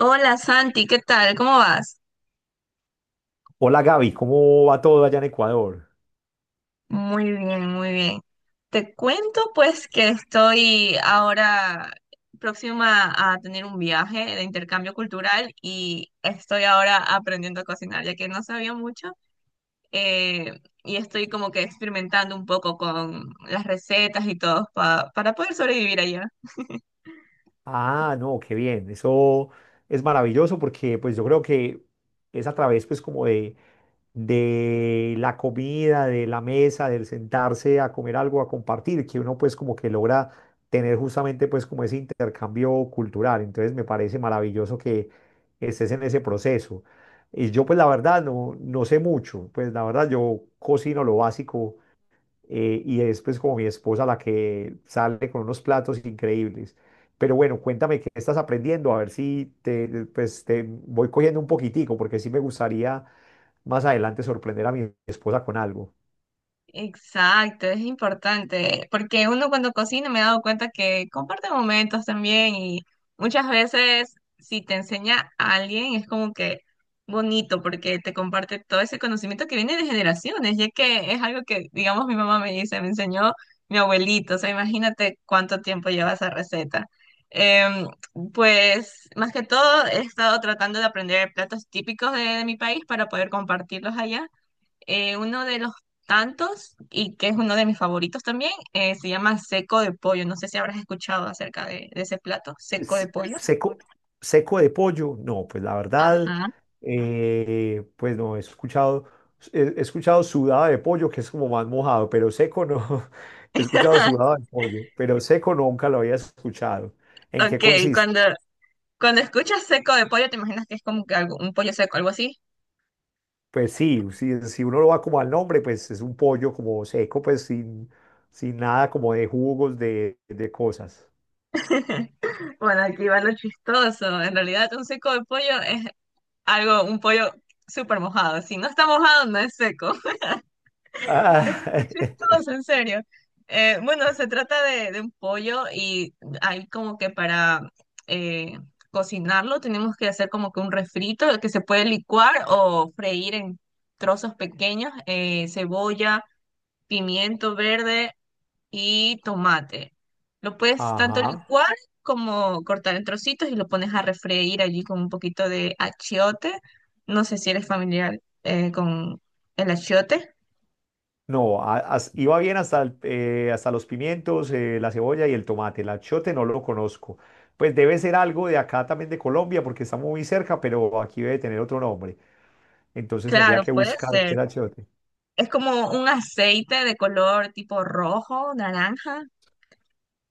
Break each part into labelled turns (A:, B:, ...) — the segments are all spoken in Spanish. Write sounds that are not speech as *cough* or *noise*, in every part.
A: Hola Santi, ¿qué tal? ¿Cómo vas?
B: Hola Gaby, ¿cómo va todo allá en Ecuador?
A: Muy bien, muy bien. Te cuento pues que estoy ahora próxima a tener un viaje de intercambio cultural y estoy ahora aprendiendo a cocinar, ya que no sabía mucho. Y estoy como que experimentando un poco con las recetas y todo para poder sobrevivir allá.
B: Ah, no, qué bien, eso es maravilloso porque pues yo creo que es a través pues como de la comida, de la mesa, del sentarse a comer algo, a compartir, que uno pues como que logra tener justamente pues como ese intercambio cultural. Entonces me parece maravilloso que estés en ese proceso. Y yo pues la verdad no sé mucho, pues la verdad yo cocino lo básico, y es pues como mi esposa la que sale con unos platos increíbles. Pero bueno, cuéntame qué estás aprendiendo, a ver si te voy cogiendo un poquitico, porque sí me gustaría más adelante sorprender a mi esposa con algo.
A: Exacto, es importante, porque uno cuando cocina me he dado cuenta que comparte momentos también, y muchas veces si te enseña a alguien es como que bonito porque te comparte todo ese conocimiento que viene de generaciones, ya que es algo que, digamos, mi mamá me dice, me enseñó mi abuelito, o sea, imagínate cuánto tiempo lleva esa receta. Em, pues más que todo he estado tratando de aprender platos típicos de mi país para poder compartirlos allá. Uno de los tantos, y que es uno de mis favoritos también, se llama seco de pollo. No sé si habrás escuchado acerca de ese plato, seco de
B: S-
A: pollo.
B: Seco, seco de pollo, no, pues la verdad,
A: Ajá.
B: pues no, he escuchado, he escuchado sudada de pollo, que es como más mojado, pero seco no, *laughs* he escuchado sudada
A: *laughs*
B: de pollo, pero seco nunca lo había escuchado. ¿En qué
A: Ok,
B: consiste?
A: cuando, cuando escuchas seco de pollo, te imaginas que es como que algo, un pollo seco, algo así.
B: Pues sí, si uno lo va como al nombre, pues es un pollo como seco, pues sin nada como de jugos, de cosas.
A: *laughs* Bueno, aquí va lo chistoso. En realidad, un seco de pollo es algo, un pollo súper mojado. Si no está mojado, no es seco. Es
B: Ah.
A: súper
B: *laughs*
A: chistoso, en serio. Bueno, se trata de un pollo, y hay como que para eh, cocinarlo tenemos que hacer como que un refrito que se puede licuar o freír en trozos pequeños, cebolla, pimiento verde y tomate. Lo puedes tanto
B: Ajá.
A: licuar como cortar en trocitos, y lo pones a refreír allí con un poquito de achiote. No sé si eres familiar con el achiote.
B: No, iba bien hasta, hasta los pimientos, la cebolla y el tomate. El achiote no lo conozco. Pues debe ser algo de acá también de Colombia, porque está muy cerca, pero aquí debe tener otro nombre. Entonces tendría
A: Claro,
B: que
A: puede
B: buscar qué
A: ser.
B: era achiote.
A: Es como un aceite de color tipo rojo, naranja,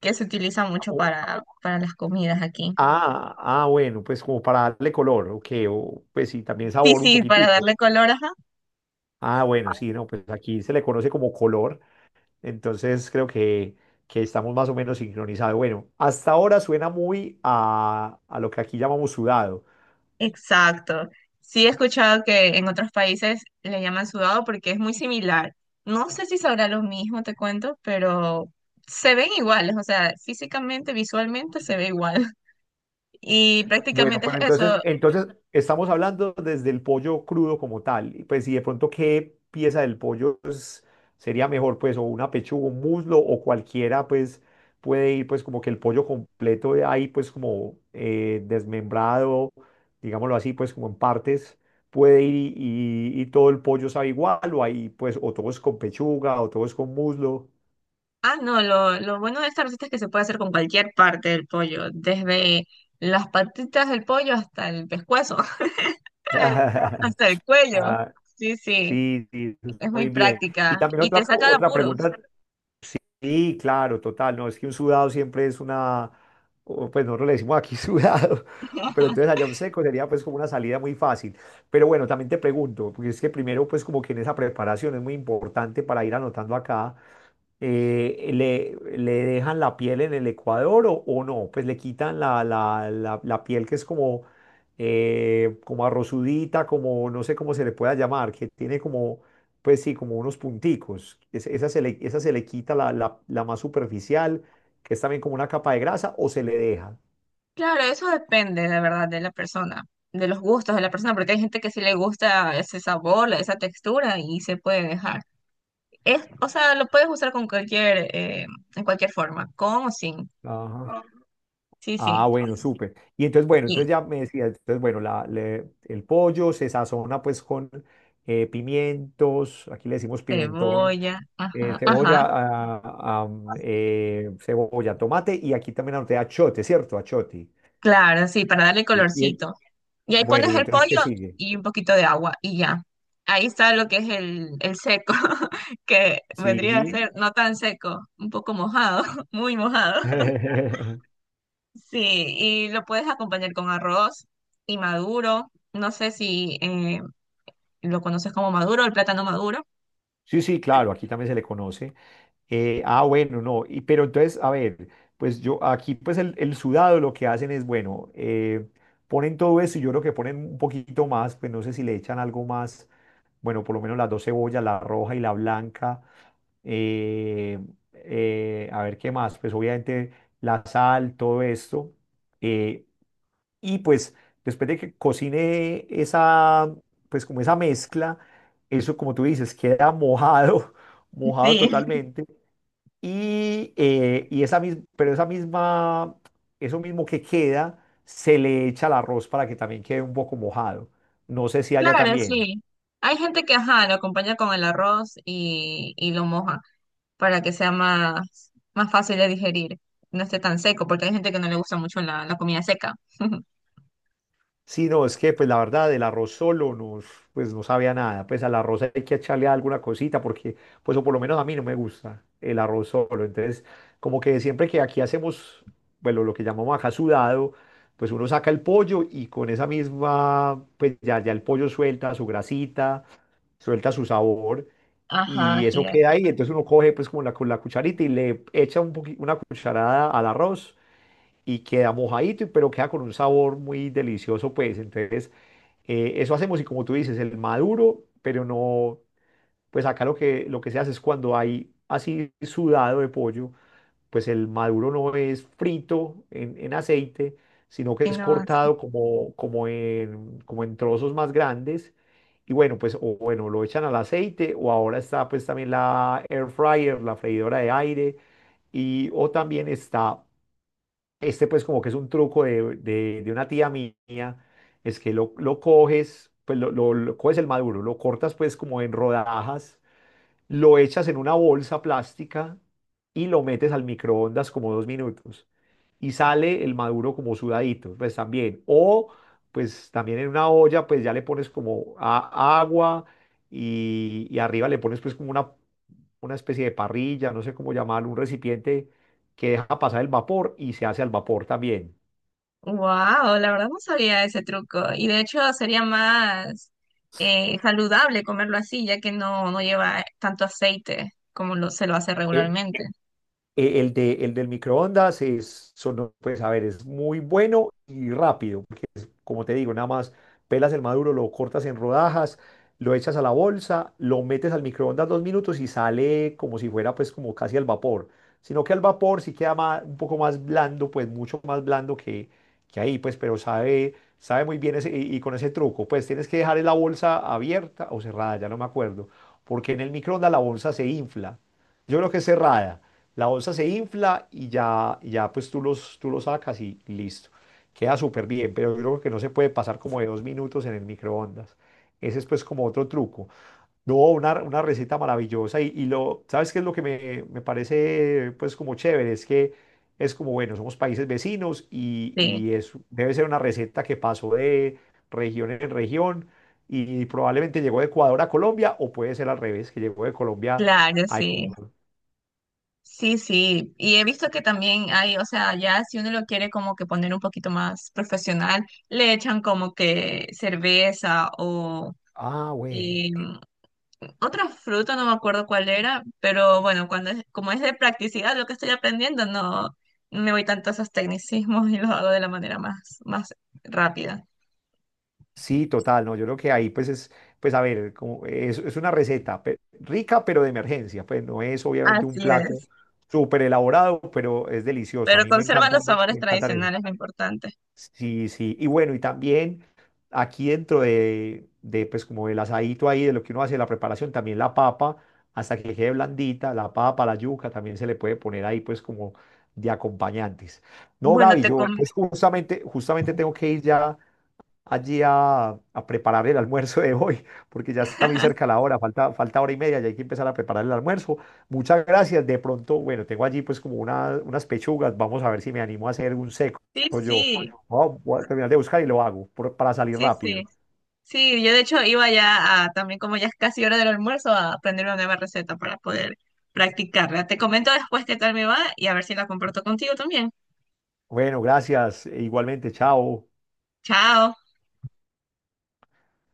A: que se utiliza mucho
B: O-
A: para las comidas aquí.
B: Ah, ah, bueno, pues como para darle color, ok, o, pues sí, también
A: Sí,
B: sabor un
A: sí, para
B: poquitico.
A: darle color, ajá.
B: Ah, bueno, sí, no, pues aquí se le conoce como color, entonces creo que estamos más o menos sincronizados. Bueno, hasta ahora suena muy a lo que aquí llamamos sudado.
A: Exacto. Sí, he escuchado que en otros países le llaman sudado porque es muy similar. No sé si sabrá lo mismo, te cuento, pero se ven iguales, o sea, físicamente, visualmente se ve igual. *laughs* Y
B: Bueno,
A: prácticamente es
B: pero entonces,
A: eso.
B: entonces estamos hablando desde el pollo crudo como tal. Y pues si de pronto qué pieza del pollo sería mejor, pues, o una pechuga, un muslo, o cualquiera, pues, puede ir, pues, como que el pollo completo de ahí, pues, como desmembrado, digámoslo así, pues, como en partes, puede ir y todo el pollo sabe igual, o ahí, pues, o todo es con pechuga, o todo es con muslo.
A: Ah, no, lo bueno de esta receta es que se puede hacer con cualquier parte del pollo, desde las patitas del pollo hasta el pescuezo, *laughs*
B: *laughs*
A: hasta el cuello.
B: Ah,
A: Sí, sí,
B: sí, sí,
A: es muy
B: muy bien. Y
A: práctica
B: también
A: y te
B: otra,
A: saca de
B: otra
A: apuros.
B: pregunta. Sí, claro, total. No, es que un sudado siempre es una, o, pues nosotros le decimos aquí *laughs* sudado, pero entonces
A: *laughs*
B: allá un seco sería pues como una salida muy fácil. Pero bueno, también te pregunto, porque es que primero pues como que en esa preparación es muy importante para ir anotando acá, le dejan la piel en el Ecuador o no, pues le quitan la piel que es como, como arrozudita, como no sé cómo se le pueda llamar, que tiene como, pues sí, como unos punticos. Esa se le quita la más superficial, que es también como una capa de grasa, o se le deja.
A: Claro, eso depende, de verdad, de la persona, de los gustos de la persona, porque hay gente que sí le gusta ese sabor, esa textura y se puede dejar. Es, o sea, lo puedes usar con cualquier, en cualquier forma, con o sin.
B: Ajá.
A: Sí,
B: Ah,
A: sí.
B: bueno, súper. Y entonces, bueno,
A: Y
B: entonces ya me decía, entonces, bueno, el pollo se sazona pues con pimientos, aquí le decimos pimentón,
A: cebolla, ajá, ajá.
B: cebolla, tomate y aquí también anoté achote, ¿cierto? Achote.
A: Claro, sí, para darle
B: Y, y en-
A: colorcito. Y ahí
B: bueno,
A: pones
B: ¿y
A: el
B: entonces qué
A: pollo
B: sigue?
A: y un poquito de agua y ya. Ahí está lo que es el seco, *laughs* que vendría a
B: Sí.
A: ser no tan seco, un poco mojado, *laughs* muy mojado.
B: *laughs*
A: Sí, y lo puedes acompañar con arroz y maduro. No sé si lo conoces como maduro, el plátano maduro.
B: Sí, sí, claro, aquí también se le conoce. Bueno, no, pero entonces, a ver, pues yo aquí, pues el sudado lo que hacen es, bueno, ponen todo eso y yo creo que ponen un poquito más, pues no sé si le echan algo más, bueno, por lo menos las dos cebollas, la roja y la blanca. eh, a ver qué más, pues obviamente la sal, todo esto. eh, y pues después de que cocine esa, pues como esa mezcla, eso como tú dices, queda mojado, *laughs* mojado
A: Sí, *laughs*
B: totalmente. Y esa misma, pero esa misma, eso mismo que queda, se le echa al arroz para que también quede un poco mojado. No sé si haya
A: claro,
B: también.
A: sí. Hay gente que, ajá, lo acompaña con el arroz y lo moja, para que sea más, más fácil de digerir, no esté tan seco, porque hay gente que no le gusta mucho la, la comida seca.
B: Sí, no, es que pues la verdad el arroz solo pues no sabía nada, pues al arroz hay que echarle alguna cosita, porque pues o por lo menos a mí no me gusta el arroz solo, entonces como que siempre que aquí hacemos, bueno, lo que llamamos acá sudado, pues uno saca el pollo y con esa misma, pues ya el pollo suelta su grasita, suelta su sabor
A: Ajá,
B: y
A: así
B: eso
A: es.
B: queda ahí, entonces uno coge pues como con la cucharita y le echa una cucharada al arroz y queda mojadito, pero queda con un sabor muy delicioso, pues entonces. Eso hacemos y como tú dices, el maduro, pero no, pues acá lo que se hace es cuando hay así sudado de pollo, pues el maduro no es frito en aceite, sino que
A: Y
B: es
A: no,
B: cortado como en trozos más grandes. Y bueno, pues o bueno, lo echan al aceite o ahora está pues también la air fryer, la freidora de aire, y o también está este, pues como que es un truco de una tía mía, es que lo coges, pues lo coges el maduro, lo cortas pues como en rodajas, lo echas en una bolsa plástica y lo metes al microondas como 2 minutos y sale el maduro como sudadito, pues también. O pues también en una olla, pues ya le pones como agua, y arriba le pones pues como una especie de parrilla, no sé cómo llamarlo, un recipiente que deja pasar el vapor y se hace al vapor también.
A: wow, la verdad no sabía ese truco. Y de hecho sería más saludable comerlo así, ya que no, no lleva tanto aceite como lo, se lo hace
B: El,
A: regularmente.
B: el del microondas son, pues a ver, es muy bueno y rápido. Como te digo, nada más pelas el maduro, lo cortas en rodajas, lo echas a la bolsa, lo metes al microondas 2 minutos y sale como si fuera pues como casi al vapor. Sino que al vapor sí queda un poco más blando, pues mucho más blando que ahí, pues, pero sabe muy bien ese, y con ese truco, pues tienes que dejar la bolsa abierta o cerrada, ya no me acuerdo, porque en el microondas la bolsa se infla. Yo creo que es cerrada. La bolsa se infla y ya pues tú los sacas y listo. Queda súper bien, pero yo creo que no se puede pasar como de 2 minutos en el microondas. Ese es pues como otro truco. No, una receta maravillosa y lo, ¿sabes qué es lo que me parece pues como chévere? Es que es como, bueno, somos países vecinos y,
A: Sí,
B: y es, debe ser una receta que pasó de región en región y probablemente llegó de Ecuador a Colombia o puede ser al revés, que llegó de Colombia
A: claro,
B: a
A: sí.
B: Ecuador.
A: Sí, sí. Y he visto que también hay, o sea, ya si uno lo quiere como que poner un poquito más profesional, le echan como que cerveza o...
B: Ah, bueno.
A: Y otra fruta, no me acuerdo cuál era, pero bueno, cuando es, como es de practicidad lo que estoy aprendiendo, no, no me voy tanto a esos tecnicismos y los hago de la manera más, más rápida.
B: Sí, total, no, yo creo que ahí pues pues a ver, como es una receta rica pero de emergencia, pues no es obviamente un
A: Así
B: plato
A: es.
B: súper elaborado, pero es delicioso, a
A: Pero
B: mí me
A: conservan
B: encanta,
A: los
B: me
A: sabores
B: encanta eso.
A: tradicionales, lo importante.
B: Sí, sí, y bueno, y también aquí dentro de pues como el asadito ahí, de lo que uno hace, la preparación, también la papa, hasta que quede blandita, la papa, la yuca, también se le puede poner ahí pues como de acompañantes. No,
A: Bueno,
B: Gaby,
A: te
B: yo
A: com-
B: pues justamente tengo que ir ya allí a preparar el almuerzo de hoy, porque ya está muy cerca
A: *laughs*
B: la hora, falta hora y media y hay que empezar a preparar el almuerzo. Muchas gracias. De pronto, bueno, tengo allí pues como unas pechugas, vamos a ver si me animo a hacer un seco
A: Sí,
B: yo.
A: sí,
B: Voy a terminar de buscar y lo hago para salir
A: sí, sí.
B: rápido.
A: Sí, yo de hecho iba ya a, también como ya es casi hora del almuerzo, a aprender una nueva receta para poder practicarla. Te comento después qué tal me va y a ver si la comparto contigo también.
B: Bueno, gracias. E igualmente, chao.
A: Chao.